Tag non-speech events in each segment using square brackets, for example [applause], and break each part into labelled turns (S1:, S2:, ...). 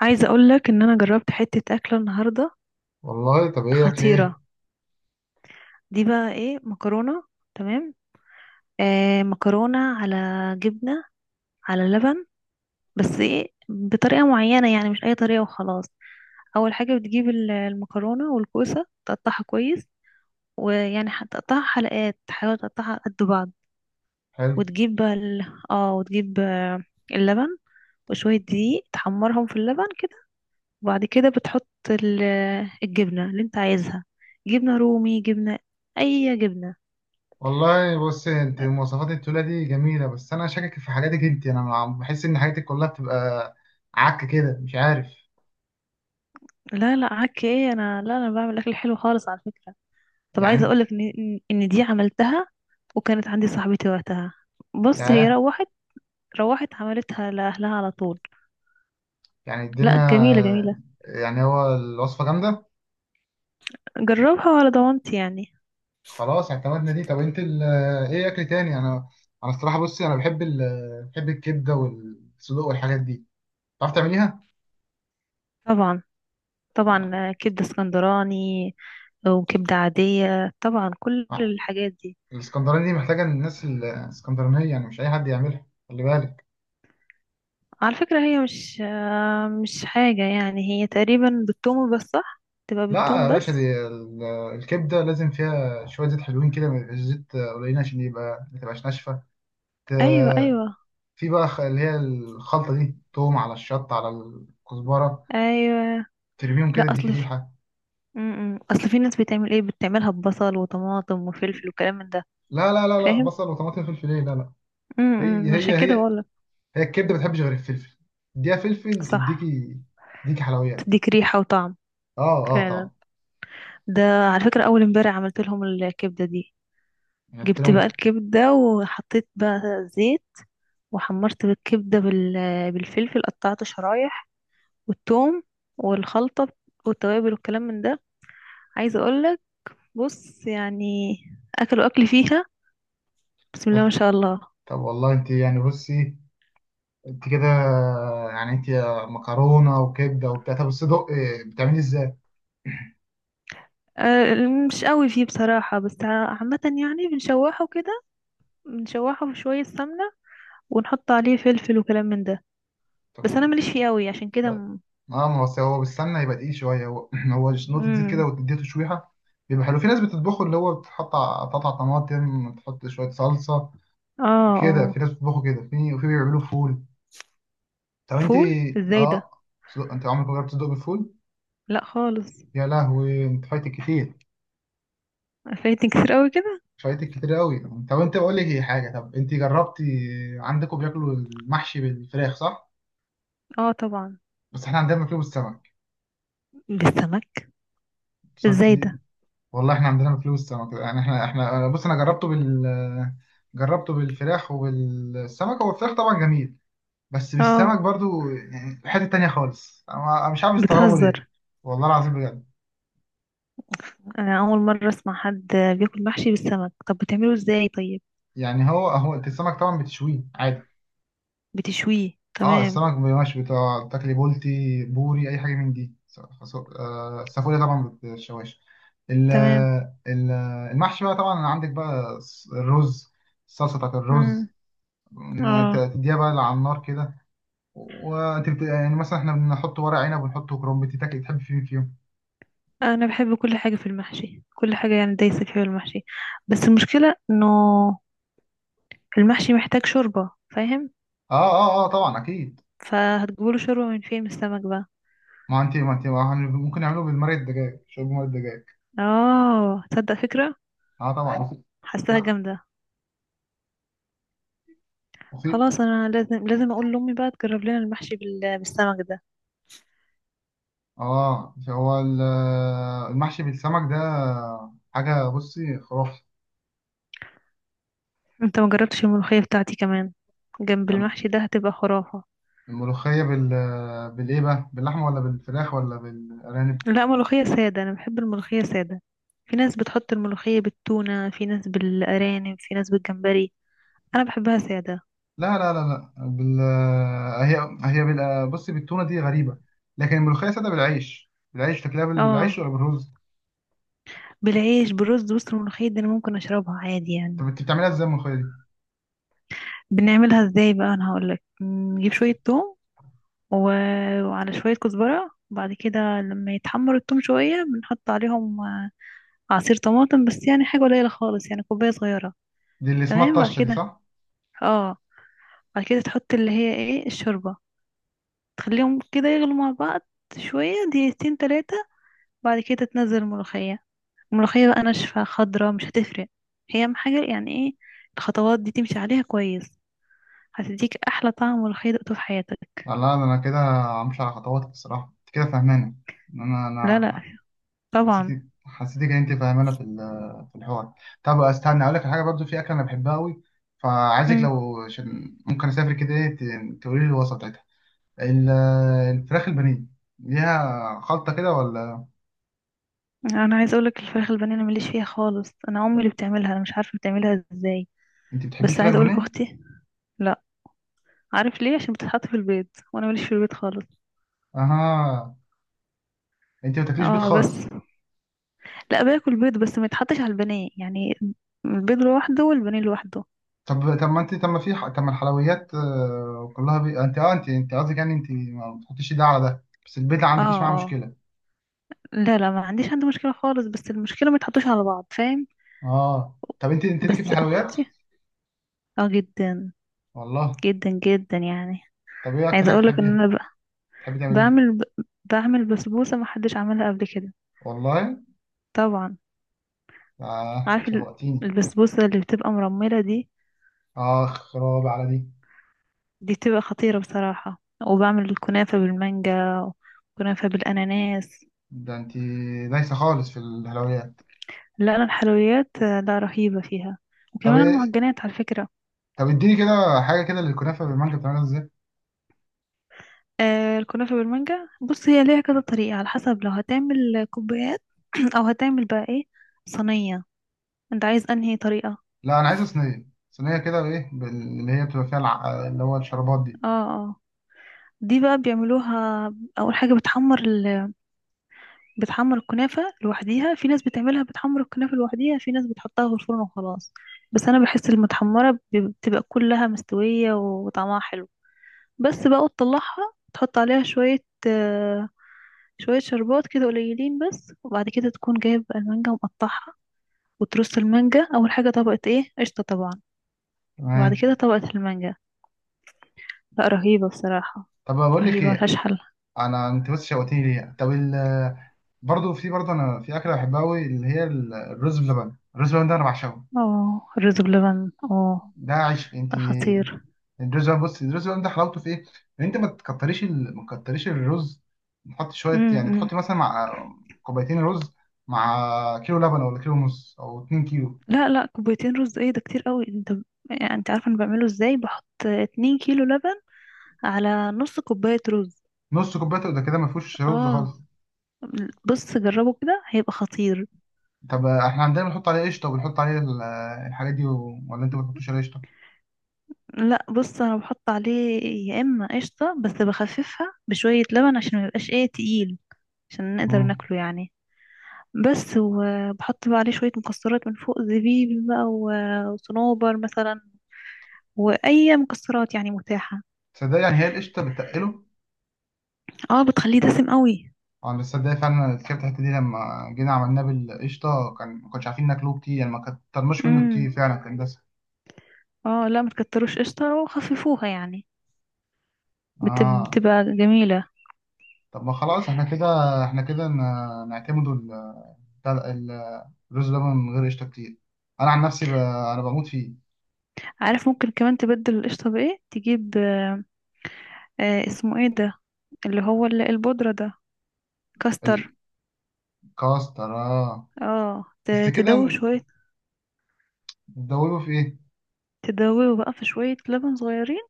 S1: عايزه اقول لك ان انا جربت حته اكله النهارده.
S2: والله طب ايه لك ليه.
S1: خطيره. دي بقى ايه، مكرونه؟ تمام. آه، مكرونه على جبنه، على لبن. بس ايه، بطريقه معينه، يعني مش اي طريقه وخلاص. اول حاجه بتجيب المكرونه والكوسه، تقطعها كويس، ويعني هتقطعها حلقات، تحاول تقطعها قد بعض.
S2: حلو.
S1: وتجيب بقى ال... اه وتجيب آه، اللبن وشويه دقيق، تحمرهم في اللبن. وبعد كده بتحط الجبنة اللي انت عايزها. جبنة رومي، جبنة، اي جبنة.
S2: والله بص، انت مواصفات التولة دي جميلة، بس انا شاكك في حاجاتك. انت بحس ان حاجاتك كلها بتبقى عك كده، مش عارف.
S1: لا لا، عك ايه، انا لا، انا بعمل اكل حلو خالص على فكرة. طب
S2: يعني
S1: عايزة
S2: انت.
S1: اقولك ان ان إن دي عملتها، وكانت عندي صاحبتي وقتها. بص هي
S2: ياه.
S1: روحت، روحت عملتها لأهلها على طول.
S2: يعني
S1: لا، جميلة
S2: الدنيا.
S1: جميلة.
S2: يعني هو الوصفة جامدة.
S1: جربها وعلى ضمانتي يعني.
S2: خلاص اعتمدنا دي. طب انت ايه اكل تاني انا الصراحة بصي، انا بحب الكبدة والصدوق والحاجات دي. تعرف تعمليها؟
S1: طبعا، طبعا. كبدة اسكندراني، وكبدة عادية، طبعا كل
S2: آه،
S1: الحاجات دي.
S2: الاسكندراني دي محتاجة الناس الاسكندرانية، يعني مش اي حد يعملها، خلي بالك.
S1: على فكرة هي مش حاجة، يعني هي تقريبا بالثوم بس، صح، تبقى
S2: لا
S1: بالثوم
S2: يا باشا،
S1: بس.
S2: دي الكبدة لازم فيها شوية زيت حلوين كده، ما يبقاش زيت قليلين، عشان يبقى ما تبقاش ناشفة. ت-
S1: ايوه، ايوه،
S2: في بقى اللي هي الخلطة دي، توم على الشطة على الكزبرة،
S1: ايوه.
S2: ترميهم كده
S1: لا،
S2: تديك
S1: اصل في
S2: ريحة.
S1: م- م. اصل في ناس بتعمل ايه، بتعملها ببصل وطماطم وفلفل وكلام من ده.
S2: لا،
S1: فاهم.
S2: بصل وطماطم فلفل ايه، لا لا.
S1: م-
S2: هي
S1: م. عشان
S2: هي
S1: كده
S2: هي
S1: بقولك.
S2: هي الكبدة ما بتحبش غير الفلفل. اديها فلفل
S1: صح،
S2: تديكي، تديكي حلويات.
S1: تديك ريحة وطعم،
S2: اه اه،
S1: فعلا.
S2: طبعا.
S1: ده، على فكرة اول امبارح عملت لهم الكبدة دي.
S2: يعني قلت
S1: جبت بقى
S2: لهم.
S1: الكبدة وحطيت بقى زيت، وحمرت بالكبدة بالفلفل، قطعته شرايح، والثوم والخلطة والتوابل والكلام من ده. عايزة اقولك، بص يعني، اكلوا اكل فيها، بسم الله ما
S2: طب
S1: شاء الله.
S2: طب والله انت، يعني بصي، انت كده، يعني انت مكرونة وكبدة وبتاع. طب الصدق إيه، بتعملي ازاي؟
S1: أه، مش قوي فيه بصراحة، بس عامة يعني بنشوحه كده، بنشوحه في شوية سمنة ونحط عليه فلفل وكلام من ده.
S2: طب-
S1: بس انا ماليش فيه قوي، عشان كده
S2: بس- اه، ما هو أصل هو بالسمنه يبقى تقيل شويه. هو [clears throat] هو نقطه زيت كده
S1: مم.
S2: وتديه تشويحه، بيبقى حلو. في ناس بتطبخه، اللي هو بتحط قطع طماطم، تحط شويه صلصه
S1: اه،
S2: كده. في
S1: اه.
S2: ناس بتطبخه كده، وفي بيعملوه فول. طب انت.
S1: فول ازاي ده؟
S2: اه. صدق انت عمرك ما جربت تصدق بالفول؟
S1: لا خالص.
S2: يا لهوي، انت فايتك كتير.
S1: فايتني كتير قوي كده.
S2: فايتك كتير قوي. طب انت بقول لك ايه حاجه، طب انت جربتي؟ عندكم بياكلوا المحشي بالفراخ، صح؟
S1: اه طبعا.
S2: بس احنا عندنا بناكله بالسمك.
S1: بالسمك؟
S2: بس انت.
S1: ازاي ده؟
S2: والله احنا عندنا فلوس سمك. يعني احنا بص، انا جربته بالفراخ وبالسمك. هو الفراخ طبعا جميل، بس
S1: اه.
S2: بالسمك برضو يعني حتة تانية خالص. أنا مش عارف استغربه
S1: بتهزر.
S2: ليه. والله العظيم بجد.
S1: انا اول مره اسمع حد بياكل محشي بالسمك، طب بتعمله ازاي طيب؟
S2: يعني هو انت السمك طبعا بتشويه عادي.
S1: بتشويه
S2: اه،
S1: تمام.
S2: السمك مش بتاع تاكلي بولتي، بوري، اي حاجة من دي. السافوري طبعا بتشواش. ال-
S1: تمام.
S2: ال- المحشي بقى طبعا عندك بقى الرز، الصلصة بتاعت
S1: امم.
S2: الرز.
S1: اه.
S2: تديها بقى على النار كده، يعني مثلا احنا بنحط ورق عنب ونحط كرنب. انت تاكل تحب في مين فيهم؟
S1: انا بحب كل حاجه في المحشي، كل حاجه، يعني دايسه فيها المحشي، بس المشكله انه المحشي محتاج شوربه، فاهم؟
S2: اه اه اه طبعا، اكيد.
S1: فهتجيبوله شوربه من فين، من السمك بقى؟
S2: ما انت ما انت ما هن- ممكن نعمله بالمرق، الدجاج، شرب مرق الدجاج.
S1: اه تصدق، فكره،
S2: اه طبعا. وفي،
S1: حاساها جامده.
S2: وفي.
S1: خلاص، انا لازم اقول لامي بقى تجرب لنا المحشي بالسمك ده.
S2: اه هو المحشي بالسمك ده حاجه، بصي، خرافه.
S1: انت ما جربتش الملوخيه بتاعتي كمان، جنب
S2: يعني
S1: المحشي ده هتبقى خرافه.
S2: الملوخيه بالايه بقى، باللحمه ولا بالفراخ ولا بالارانب؟
S1: لا، ملوخية سادة، أنا بحب الملوخية سادة. في ناس بتحط الملوخية بالتونة، في ناس بالأرانب، في ناس بالجمبري. أنا بحبها سادة.
S2: لا، هي هي بصي، بالتونه دي غريبه. لكن الملوخيه ساده بالعيش تاكلها، بالعيش
S1: اه،
S2: ولا بالرز؟
S1: بالعيش، بالرز. بص الملوخية دي أنا ممكن أشربها عادي يعني.
S2: طب انت بتعملها ازاي الملوخية دي؟
S1: بنعملها ازاي بقى، أنا هقولك. نجيب شوية توم و... وعلى شوية كزبرة، وبعد كده لما يتحمر التوم شوية بنحط عليهم عصير طماطم، بس يعني حاجة قليلة خالص، يعني كوباية صغيرة.
S2: دي اللي اسمها
S1: تمام. بعد
S2: الطشة دي،
S1: كده،
S2: صح؟
S1: اه، بعد كده تحط اللي هي ايه، الشوربة، تخليهم كده يغلوا مع بعض شوية، دقيقتين 3. بعد كده تنزل الملوخية. الملوخية بقى ناشفة خضرة، مش هتفرق. هي أهم حاجة، يعني ايه، الخطوات دي تمشي عليها كويس، هتديك أحلى طعم ملوخية دقته في حياتك.
S2: لا لا، ده انا كده همشي على خطواتك. الصراحة انت كده فاهمانة.
S1: لا لا،
S2: انا
S1: طبعا.
S2: حسيتك، ان انت فاهمانة في الحوار. طب استنى اقول لك على حاجة. برضو في اكلة انا بحبها قوي، فعايزك،
S1: مم.
S2: لو عشان ممكن اسافر كده، ايه، تقولي لي الوصفة بتاعتها. ال- الفراخ البانيه ليها خلطة كده، ولا؟
S1: أنا عايزة أقولك، الفراخ البانيه أنا مليش فيها خالص، أنا أمي اللي بتعملها، أنا مش عارفة بتعملها ازاي.
S2: انت بتحبيش
S1: بس
S2: فراخ
S1: عايزة أقولك
S2: بانيه؟
S1: أختي. لا. عارف ليه؟ عشان بتتحط في البيض، وأنا مليش في البيض خالص.
S2: اها، انت ما بتاكليش بيض
S1: اه بس،
S2: خالص؟
S1: لا، باكل بيض، بس ما يتحطش على البانيه يعني. البيض لوحده والبانيه لوحده.
S2: طب طب، ما انت، طب ما في طب ما الحلويات كلها انت اه، انت قصدك يعني انت ما بتحطيش ده على ده، بس البيت ما
S1: اه،
S2: عندكيش معاه
S1: اه.
S2: مشكله.
S1: لا لا، ما عنديش، عندي مشكلة خالص، بس المشكلة ما يتحطوش على بعض، فاهم؟
S2: اه. طب انت، ليكي في
S1: بس
S2: الحلويات؟
S1: اختي، اه جدا،
S2: والله.
S1: جدا جدا يعني.
S2: طب ايه اكتر
S1: عايزة
S2: حاجه
S1: اقولك
S2: بتحبيها؟
S1: ان انا بقى
S2: بتحبي تعملي ايه؟
S1: بعمل بعمل بسبوسة ما حدش عملها قبل كده.
S2: والله
S1: طبعا.
S2: اه،
S1: عارف
S2: شوقتيني.
S1: البسبوسة اللي بتبقى مرملة دي،
S2: اه، خراب على دي.
S1: دي بتبقى خطيرة بصراحة. وبعمل الكنافة بالمانجا، وكنافة بالاناناس.
S2: ده انت دايسه خالص في الحلويات.
S1: لا انا الحلويات لا، رهيبة فيها،
S2: طب
S1: وكمان
S2: ايه،
S1: المعجنات على فكرة.
S2: طب اديني كده حاجه كده للكنافه بالمانجا، بتعملها ازاي؟
S1: الكنافة بالمانجا، بص هي ليها كذا طريقة، على حسب، لو هتعمل كوبايات [clears throat] او هتعمل بقى ايه، صينية. انت عايز انهي طريقة؟
S2: لا، انا عايزه صينيه. صينيه كده، ايه، اللي هي بتبقى فيها اللي هو الشربات دي.
S1: اه، اه. دي بقى بيعملوها. اول حاجة بتحمر بتحمر الكنافة لوحديها. في ناس بتعملها بتحمر الكنافة لوحديها، في ناس بتحطها في الفرن وخلاص. بس انا بحس المتحمرة بتبقى كلها مستوية وطعمها حلو. بس بقى تطلعها، تحط عليها شوية، شوية شربات كده قليلين بس، وبعد كده تكون جايب المانجا ومقطعها وترص المانجا. اول حاجه طبقه ايه، قشطه طبعا، وبعد
S2: تمام.
S1: كده طبقه المانجا. لا رهيبه بصراحه،
S2: طب بقول لك
S1: رهيبه
S2: ايه.
S1: ملهاش حل.
S2: انت بس شوقتني ليها. طب برضه في، برضه انا في اكله بحبها قوي، اللي هي الرز بلبن. الرز بلبن ده انا بعشقه.
S1: اه الرز بلبن، اه.
S2: ده عيش، انت.
S1: ده خطير.
S2: الرز بلبن، بص، الرز بلبن ده حلاوته في ايه؟ ان انت ما تكتريش الرز، تحط شويه، يعني
S1: امم.
S2: تحط مثلا مع كوبايتين رز، مع كيلو لبن، ولا كيلو ونص، او 2 كيلو.
S1: لا لا، كوبايتين رز، ايه ده، كتير قوي انت. يعني انت عارفه انا بعمله ازاي؟ بحط 2 كيلو لبن على نص كوبايه رز.
S2: نص كوبايه ده كده ما فيهوش رز
S1: اه،
S2: خالص.
S1: بص جربه كده هيبقى خطير.
S2: طب احنا عندنا بنحط عليه قشطه، وبنحط عليه الحاجات دي ولا انت ما بتحطوش عليه قشطه؟
S1: لا بص انا بحط عليه، يا اما قشطه بس بخففها بشويه لبن عشان ما يبقاش ايه، تقيل، عشان نقدر
S2: امم.
S1: ناكله يعني. بس، وبحط بقى عليه شوية مكسرات من فوق، زبيب بقى وصنوبر مثلا، وأي مكسرات يعني متاحة.
S2: صدق؟ يعني هي القشطه بتقله؟
S1: اه بتخليه دسم قوي.
S2: اه، بس صدق فعلا، الكبت الحته دي، لما جينا عملناه بالقشطه كان ما كناش عارفين ناكله كتير، يعني ما كترناش منه
S1: امم.
S2: كتير، فعلا كان دسم.
S1: اه لا، ما تكتروش قشطة وخففوها يعني،
S2: اه.
S1: بتبقى جميلة.
S2: طب ما خلاص احنا كده، احنا كده نعتمدوا بتاع ال- الرز ده من غير قشطه كتير. انا عن نفسي انا بموت فيه.
S1: عارف ممكن كمان تبدل القشطة بإيه، تجيب اسمه ايه ده، اللي هو البودرة ده، كاستر.
S2: الكاستر، اه.
S1: اه،
S2: بس كده؟
S1: تدوب شوية،
S2: بتدوبه في ايه؟
S1: تدوبه بقى في شوية لبن صغيرين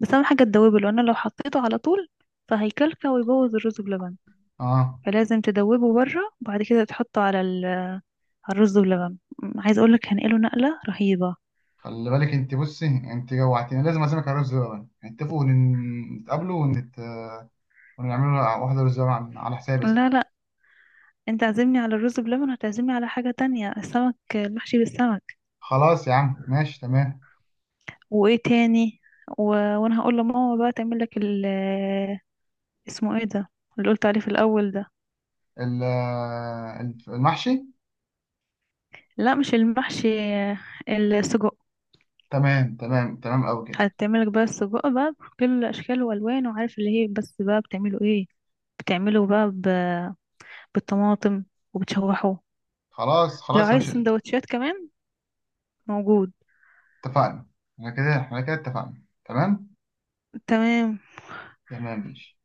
S1: بس. أهم حاجة تدوبه، لأن لو حطيته على طول فهيكلكع ويبوظ الرز بلبن،
S2: اه.
S1: فلازم تدوبه بره وبعد كده تحطه على على الرز بلبن. عايز اقولك هنقله نقلة رهيبة.
S2: خلي بالك انت، بصي، انت جوعتيني، لازم اعزمك على رز بلبن. نتفقوا نتقابلوا ونعملوا واحده رز بلبن على حسابي يا ستي.
S1: لا لا. انت عازمني على الرز بلبن، هتعزمني على حاجة تانية، السمك، المحشي بالسمك.
S2: خلاص يا عم، ماشي، تمام.
S1: وايه تاني. وانا هقول لماما بقى تعمل لك اسمه ايه ده، اللي قلت عليه في الاول ده.
S2: ال- المحشي.
S1: لا مش المحشي، السجق.
S2: تمام تمام تمام، أوي كده.
S1: هتعملك بقى السجق بقى بكل اشكاله والوانه، وعارف اللي هي بس بقى بتعمله ايه؟ بتعمله بقى بالطماطم، وبتشوحه.
S2: خلاص
S1: لو
S2: خلاص يا
S1: عايز
S2: باشا.
S1: سندوتشات كمان موجود.
S2: اتفقنا. احنا كده، اتفقنا. تمام.
S1: تمام.
S2: تمام ماشي.